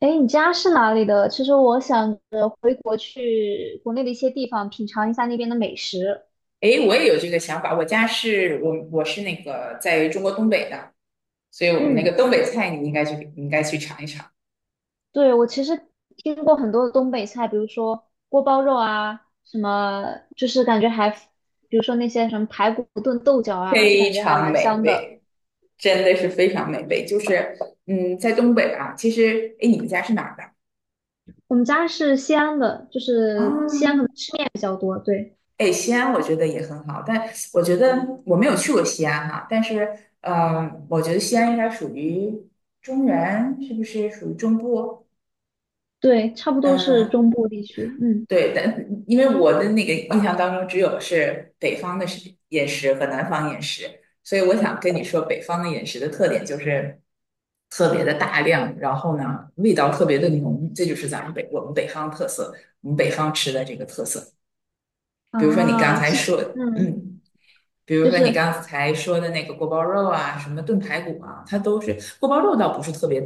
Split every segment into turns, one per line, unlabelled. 哎，诶你家是哪里的？其实我想着回国去国内的一些地方品尝一下那边的美食。
诶，我也有这个想法。我家是我是那个在中国东北的，所以我们那个
嗯，
东北菜你应该去尝一尝，
对，我其实听过很多的东北菜，比如说锅包肉啊，什么就是感觉还，比如说那些什么排骨炖豆角啊，就
非
感觉还
常
蛮
美
香的。
味，真的是非常美味。就是在东北啊，其实诶，你们家是哪儿的
我们家是西安的，就
啊？
是西安可能吃面比较多，对
哎，西安我觉得也很好，但我觉得我没有去过西安哈、但是我觉得西安应该属于中原，是不是属于中部？
对，差不多是
嗯、
中部地区。嗯
对，但因为我的那个印象当中，只有是北方的食饮食和南方饮食，所以我想跟你说，北方的饮食的特点就是特别的大量，然后呢，味道特别的浓，这就是咱们北我们北方特色，我们北方吃的这个特色。比如说你刚
啊，
才
其实
说，嗯。比如
就
说你
是
刚才说的那个锅包肉啊，什么炖排骨啊，它都是锅包肉倒不是特别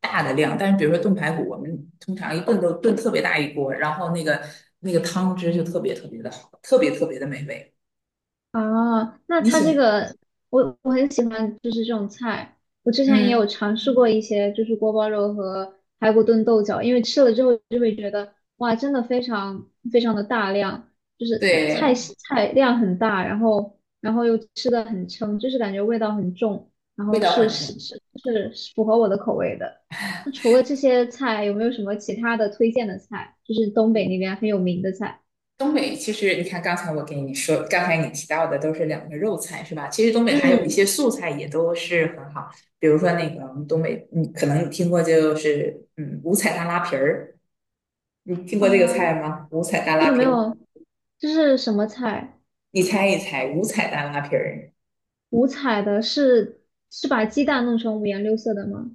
大的量，但是比如说炖排骨，我们通常一炖都炖特别大一锅，然后那个汤汁就特别特别的好，特别特别的美味。
哦，那
你
它
喜欢？
这个我很喜欢，就是这种菜。我之前也有
嗯，
尝试过一些，就是锅包肉和排骨炖豆角，因为吃了之后就会觉得，哇，真的非常非常的大量，就是菜
对，
系菜量很大，然后又吃的很撑，就是感觉味道很重，然
味
后
道
是
很
是
重。
是是符合我的口味的。那除了这些菜，有没有什么其他的推荐的菜？就是东北那边很有名的菜。
东北其实你看，刚才我给你说，刚才你提到的都是两个肉菜是吧？其实东北还有一些
嗯，
素菜也都是很好，比如说那个我们东北，嗯，可能你听过就是五彩大拉皮儿。你听
啊。
过这个菜吗？五彩大
这
拉
个没
皮儿，
有，这是什么菜？
你猜一猜，五彩大拉皮儿？
五彩的是把鸡蛋弄成五颜六色的吗？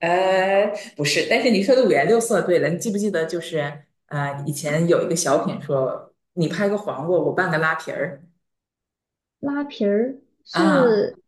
呃，不是，但是你说的五颜六色，对了，你记不记得就是以前有一个小品说，你拍个黄瓜，我拌个拉皮儿
拉皮儿
啊？
是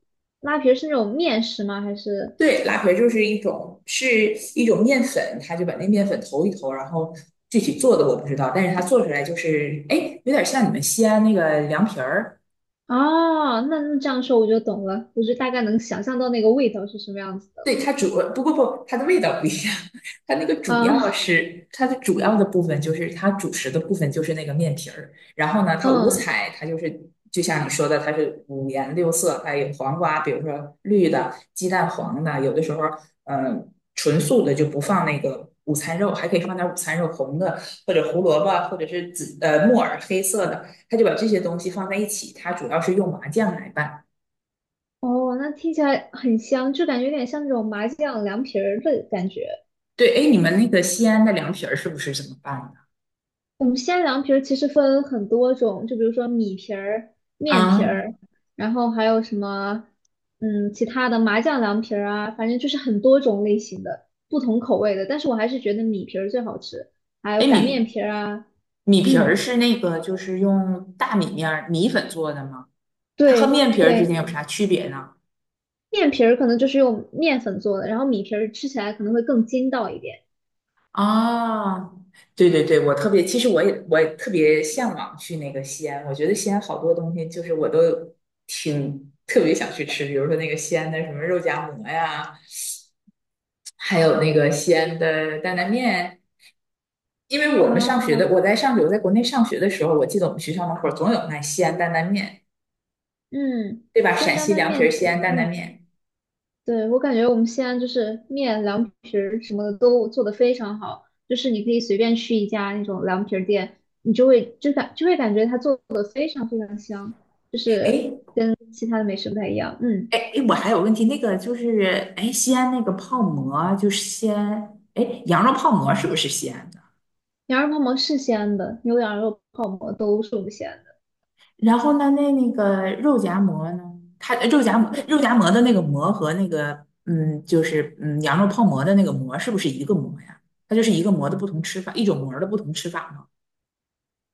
那种面食吗？还是
对，拉皮儿就是一种面粉，他就把那面粉投一投，然后具体做的我不知道，但是它做出来就是，哎，有点像你们西安那个凉皮儿。
哦，那这样说我就懂了，我就大概能想象到那个味道是什么样子的
对，
了。
它主，不过不，它的味道不一样。它那个主要
啊，
是它的主要的部分，就是它主食的部分就是那个面皮儿。然后呢，它五
嗯，
彩，它就是就像你说的，它是五颜六色，还有黄瓜，比如说绿的、鸡蛋黄的，有的时候嗯呃纯素的就不放那个午餐肉，还可以放点午餐肉，红的或者胡萝卜或者是紫木耳黑色的，它就把这些东西放在一起。它主要是用麻酱来拌。
哦，那听起来很香，就感觉有点像那种麻酱凉皮儿的感觉。
对，哎，你们那个西安的凉皮儿是不是这么拌的？
我们西安凉皮儿其实分很多种，就比如说米皮儿、面皮
啊，
儿，然后还有什么，嗯，其他的麻酱凉皮儿啊，反正就是很多种类型的，不同口味的。但是我还是觉得米皮儿最好吃，还有
哎，
擀面
米
皮儿啊，
米皮儿是
嗯，
那个，就是用大米面儿米粉做的吗？它和
对
面皮儿之
对，
间有啥区别呢？
面皮儿可能就是用面粉做的，然后米皮儿吃起来可能会更筋道一点。
啊，对对对，我特别，其实我也特别向往去那个西安，我觉得西安好多东西就是我都挺特别想去吃，比如说那个西安的什么肉夹馍呀，还有那个西安的担担面。因为
啊，
我在国内上学的时候，我记得我们学校门口总有卖西安担担面，
嗯，
对吧？
鲜
陕
担
西
担
凉皮
面，
儿、西安担担
嗯。
面。
对，我感觉我们西安就是面、凉皮儿什么的都做得非常好，就是你可以随便去一家那种凉皮儿店，你就会感觉它做的非常非常香，就是
哎
跟其他的美食不太一样。嗯，
哎，我还有问题，那个就是哎，西安那个泡馍啊就是西安，哎，羊肉泡馍是不是西安的？
羊肉泡馍是西安的，牛羊肉泡馍都是我们西安的。
然后呢，那个肉夹馍呢？它肉夹馍的那个馍和那个就是羊肉泡馍的那个馍是不是一个馍呀？它就是一个馍的不同吃法，一种馍的不同吃法吗？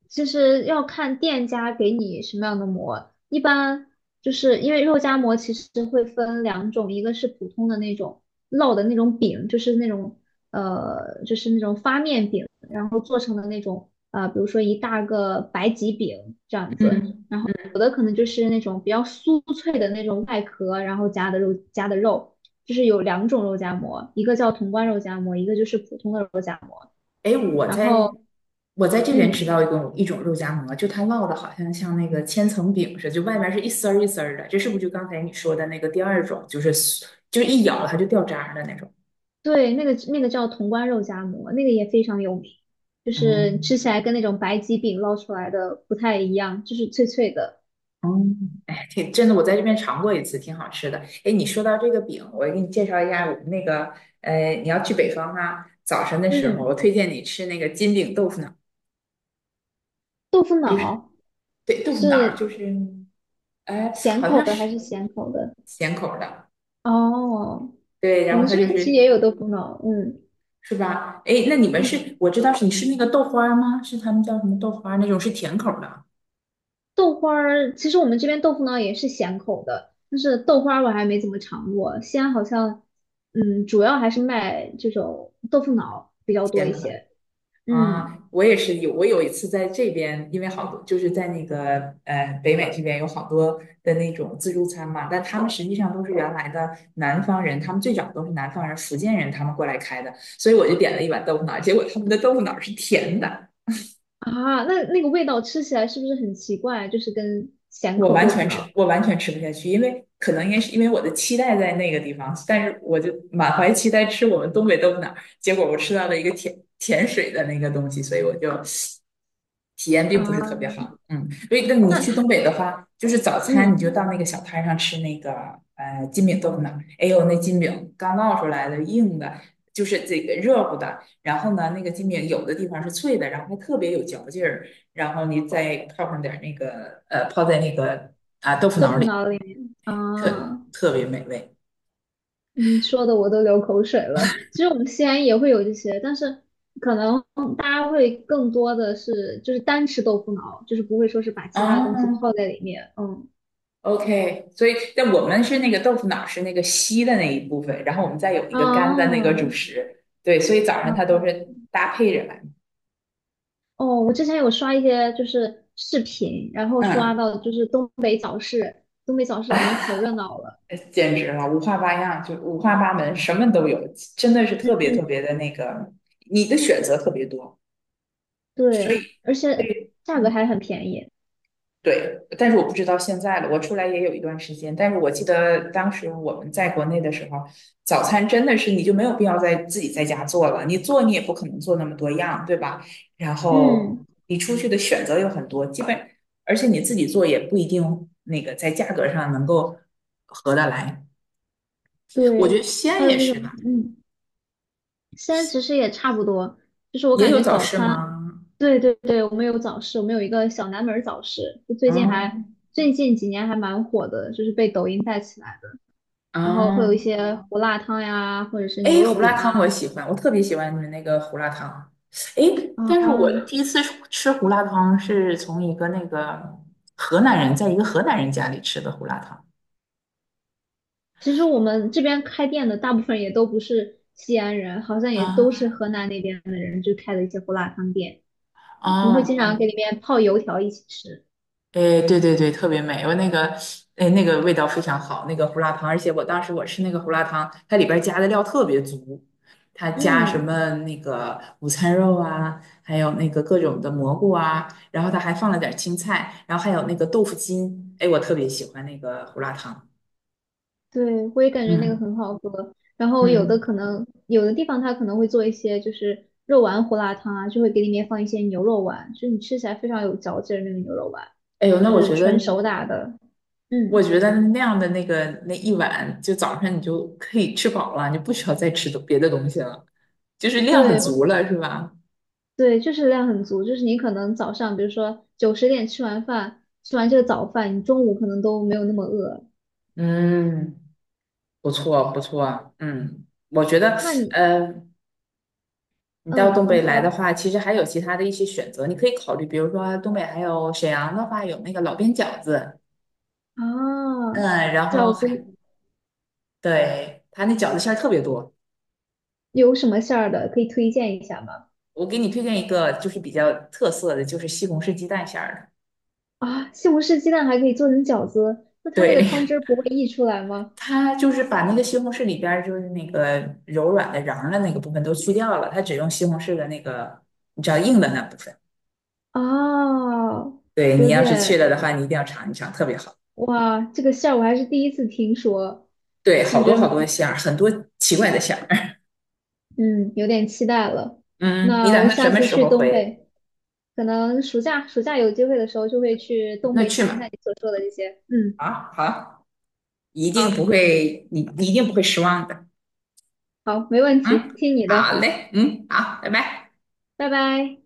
其实要看店家给你什么样的膜，一般就是因为肉夹馍其实会分两种，一个是普通的那种烙的那种饼，就是那种就是那种发面饼，然后做成的那种比如说一大个白吉饼这样子，有的可能就是那种比较酥脆的那种外壳，然后夹的肉，就是有两种肉夹馍，一个叫潼关肉夹馍，一个就是普通的肉夹馍，
哎，我
然后
在我在这边吃
嗯。
到一种肉夹馍，就它烙的好像像那个千层饼似的，就外面是一丝儿一丝儿的，这是不是就刚才你说的那个第二种，就是一咬它就掉渣儿的那种？
对，那个叫潼关肉夹馍，那个也非常有名，就是吃
嗯
起来跟那种白吉饼烙出来的不太一样，就是脆脆的。
嗯，哎，挺真的，我在这边尝过一次，挺好吃的。哎，你说到这个饼，我给你介绍一下我们那个，你要去北方啊，早晨的时候，我
嗯，
推荐你吃那个金饼豆腐脑，
豆腐
就是
脑
对豆腐脑，
是
就是哎，
甜
好
口
像
的还
是
是咸口的？
咸口儿的。
哦，
对，
我
然
们
后它
这
就
边其实也
是
有豆腐脑，嗯
是吧？哎，那你们
嗯，
是，我知道是你是那个豆花儿吗？是他们叫什么豆花儿那种是甜口儿的，
豆花儿，其实我们这边豆腐脑也是咸口的，但是豆花儿我还没怎么尝过，西安好像，嗯，主要还是卖这种豆腐脑比较多
甜
一
口儿
些，嗯。
啊。我有一次在这边，因为好多就是在那个北美这边有好多的那种自助餐嘛，但他们实际上都是原来的南方人，他们最早都是南方人、福建人他们过来开的，所以我就点了一碗豆腐脑儿结果他们的豆腐脑儿是甜的，
啊，那那个味道吃起来是不是很奇怪？就是跟咸口豆腐脑
我完全吃不下去，因为可能应该是因为我的期待在那个地方，但是我就满怀期待吃我们东北豆腐脑儿，结果我吃到了一个甜甜水的那个东西，所以我就体验并
啊，
不是特别好。嗯，所以那你
那
去
它
东北的话，就是早
嗯，
餐你就到那个小摊儿上吃那个金饼豆腐脑儿，哎呦那金饼刚烙出来的硬的，就是这个热乎的，然后呢那个金饼有的地方是脆的，然后还特别有嚼劲儿。然后你再泡上点那个泡在那个啊豆腐
豆
脑
腐
里，
脑里面
特
啊，
特别美味。
你说的我都流口水了。其实我们西安也会有这些，但是可能大家会更多的是就是单吃豆腐脑，就是不会说是把其他的东西
啊
泡在里面。嗯
o k 所以但我们是那个豆腐脑是那个稀的那一部分，然后我们再有一个干的那个主
啊。
食，对，所以早上它都
啊
是搭配着来。
哦，我之前有刷一些就是视频，然后刷
嗯，
到就是东北早市，东北早市感觉可热闹了。
简直了，五花八样，就五花八门，什么都有，真的是特别
嗯，
特别的那个，你的选择特别多，所
对，
以。
而且价格还很便宜。
对，但是我不知道现在了。我出来也有一段时间，但是我记得当时我们在国内的时候，早餐真的是你就没有必要在自己在家做了，你做你也不可能做那么多样，对吧？然后
嗯，
你出去的选择有很多，基本而且你自己做也不一定那个在价格上能够合得来。我觉得
对，
西
还
安
有
也
那
是
种，
吧，
嗯，西安其实也差不多，就是我
也
感
有
觉
早
早
市
餐，
吗？
对对对，我们有早市，我们有一个小南门儿早市，就
嗯
最近几年还蛮火的，就是被抖音带起来的。然后会有一
嗯，
些胡辣汤呀，或者是牛
哎，
肉
胡辣
饼
汤我
啊
喜欢，我特别喜欢你们那个胡辣汤。哎，但是
啊。
我第一次吃胡辣汤是从一个那个河南人，在一个河南人家里吃的胡辣汤。
其实我们这边开店的大部分也都不是西安人，好像也都
啊
是河南那边的人，就开的一些胡辣汤店。我们会
啊
经常给里面泡油条一起吃。
哎，对对对，特别美，我那个，哎，那个味道非常好，那个胡辣汤，而且我当时我吃那个胡辣汤，它里边儿加的料特别足，它加什
嗯，
么那个午餐肉啊，还有那个各种的蘑菇啊，然后它还放了点儿青菜，然后还有那个豆腐筋，哎，我特别喜欢那个胡辣汤，
对，我也感觉那个
嗯
很好喝。然后有的
嗯，
可能，有的地方它可能会做一些就是肉丸胡辣汤啊，就会给里面放一些牛肉丸，就是你吃起来非常有嚼劲儿那个牛肉丸，
哎呦，那
就
我
是
觉
纯
得，
手打的。
我
嗯，
觉得那样的那个那一碗，就早上你就可以吃饱了，你不需要再吃别的东西了，就是量很
对
足了，是吧？
对，就是量很足，就是你可能早上比如说9、10点吃完饭，吃完这个早饭，你中午可能都没有那么饿。
嗯，不错不错，嗯，我觉得，
那你，
呃，你到东
嗯，你
北来
说
的话，其实还有其他的一些选择，你可以考虑，比如说东北还有沈阳的话，有那个老边饺子，
啊，
嗯，然后
饺
还
子
对他那饺子馅儿特别多，
有什么馅儿的可以推荐一下吗？
我给你推荐一个，就是比较特色的，就是西红柿鸡蛋馅儿
啊，西红柿鸡蛋还可以做成饺子，那
的，
它那个
对，
汤汁儿不会溢出来吗？
它就是把那个西红柿里边儿就是那个柔软的瓤儿的那个部分都去掉了，它只用西红柿的那个，你知道硬的那部分，
啊，
对你
有
要是去
点，
了的话，你一定要尝一尝，特别好。
哇，这个馅儿我还是第一次听说，
对，好
感
多
觉
好多馅儿，很多奇怪的馅儿。
嗯有点期待了。
嗯，你
那
打
我
算什
下
么
次
时
去
候
东
回？
北，可能暑假有机会的时候就会去东
那
北
去
尝一下
嘛。
你所说的这些。嗯，
啊，好，一定不
好，
会，你一定不会失望的。
好，没问题，
嗯，
听你
好
的，
嘞，嗯，好，拜拜。
拜拜。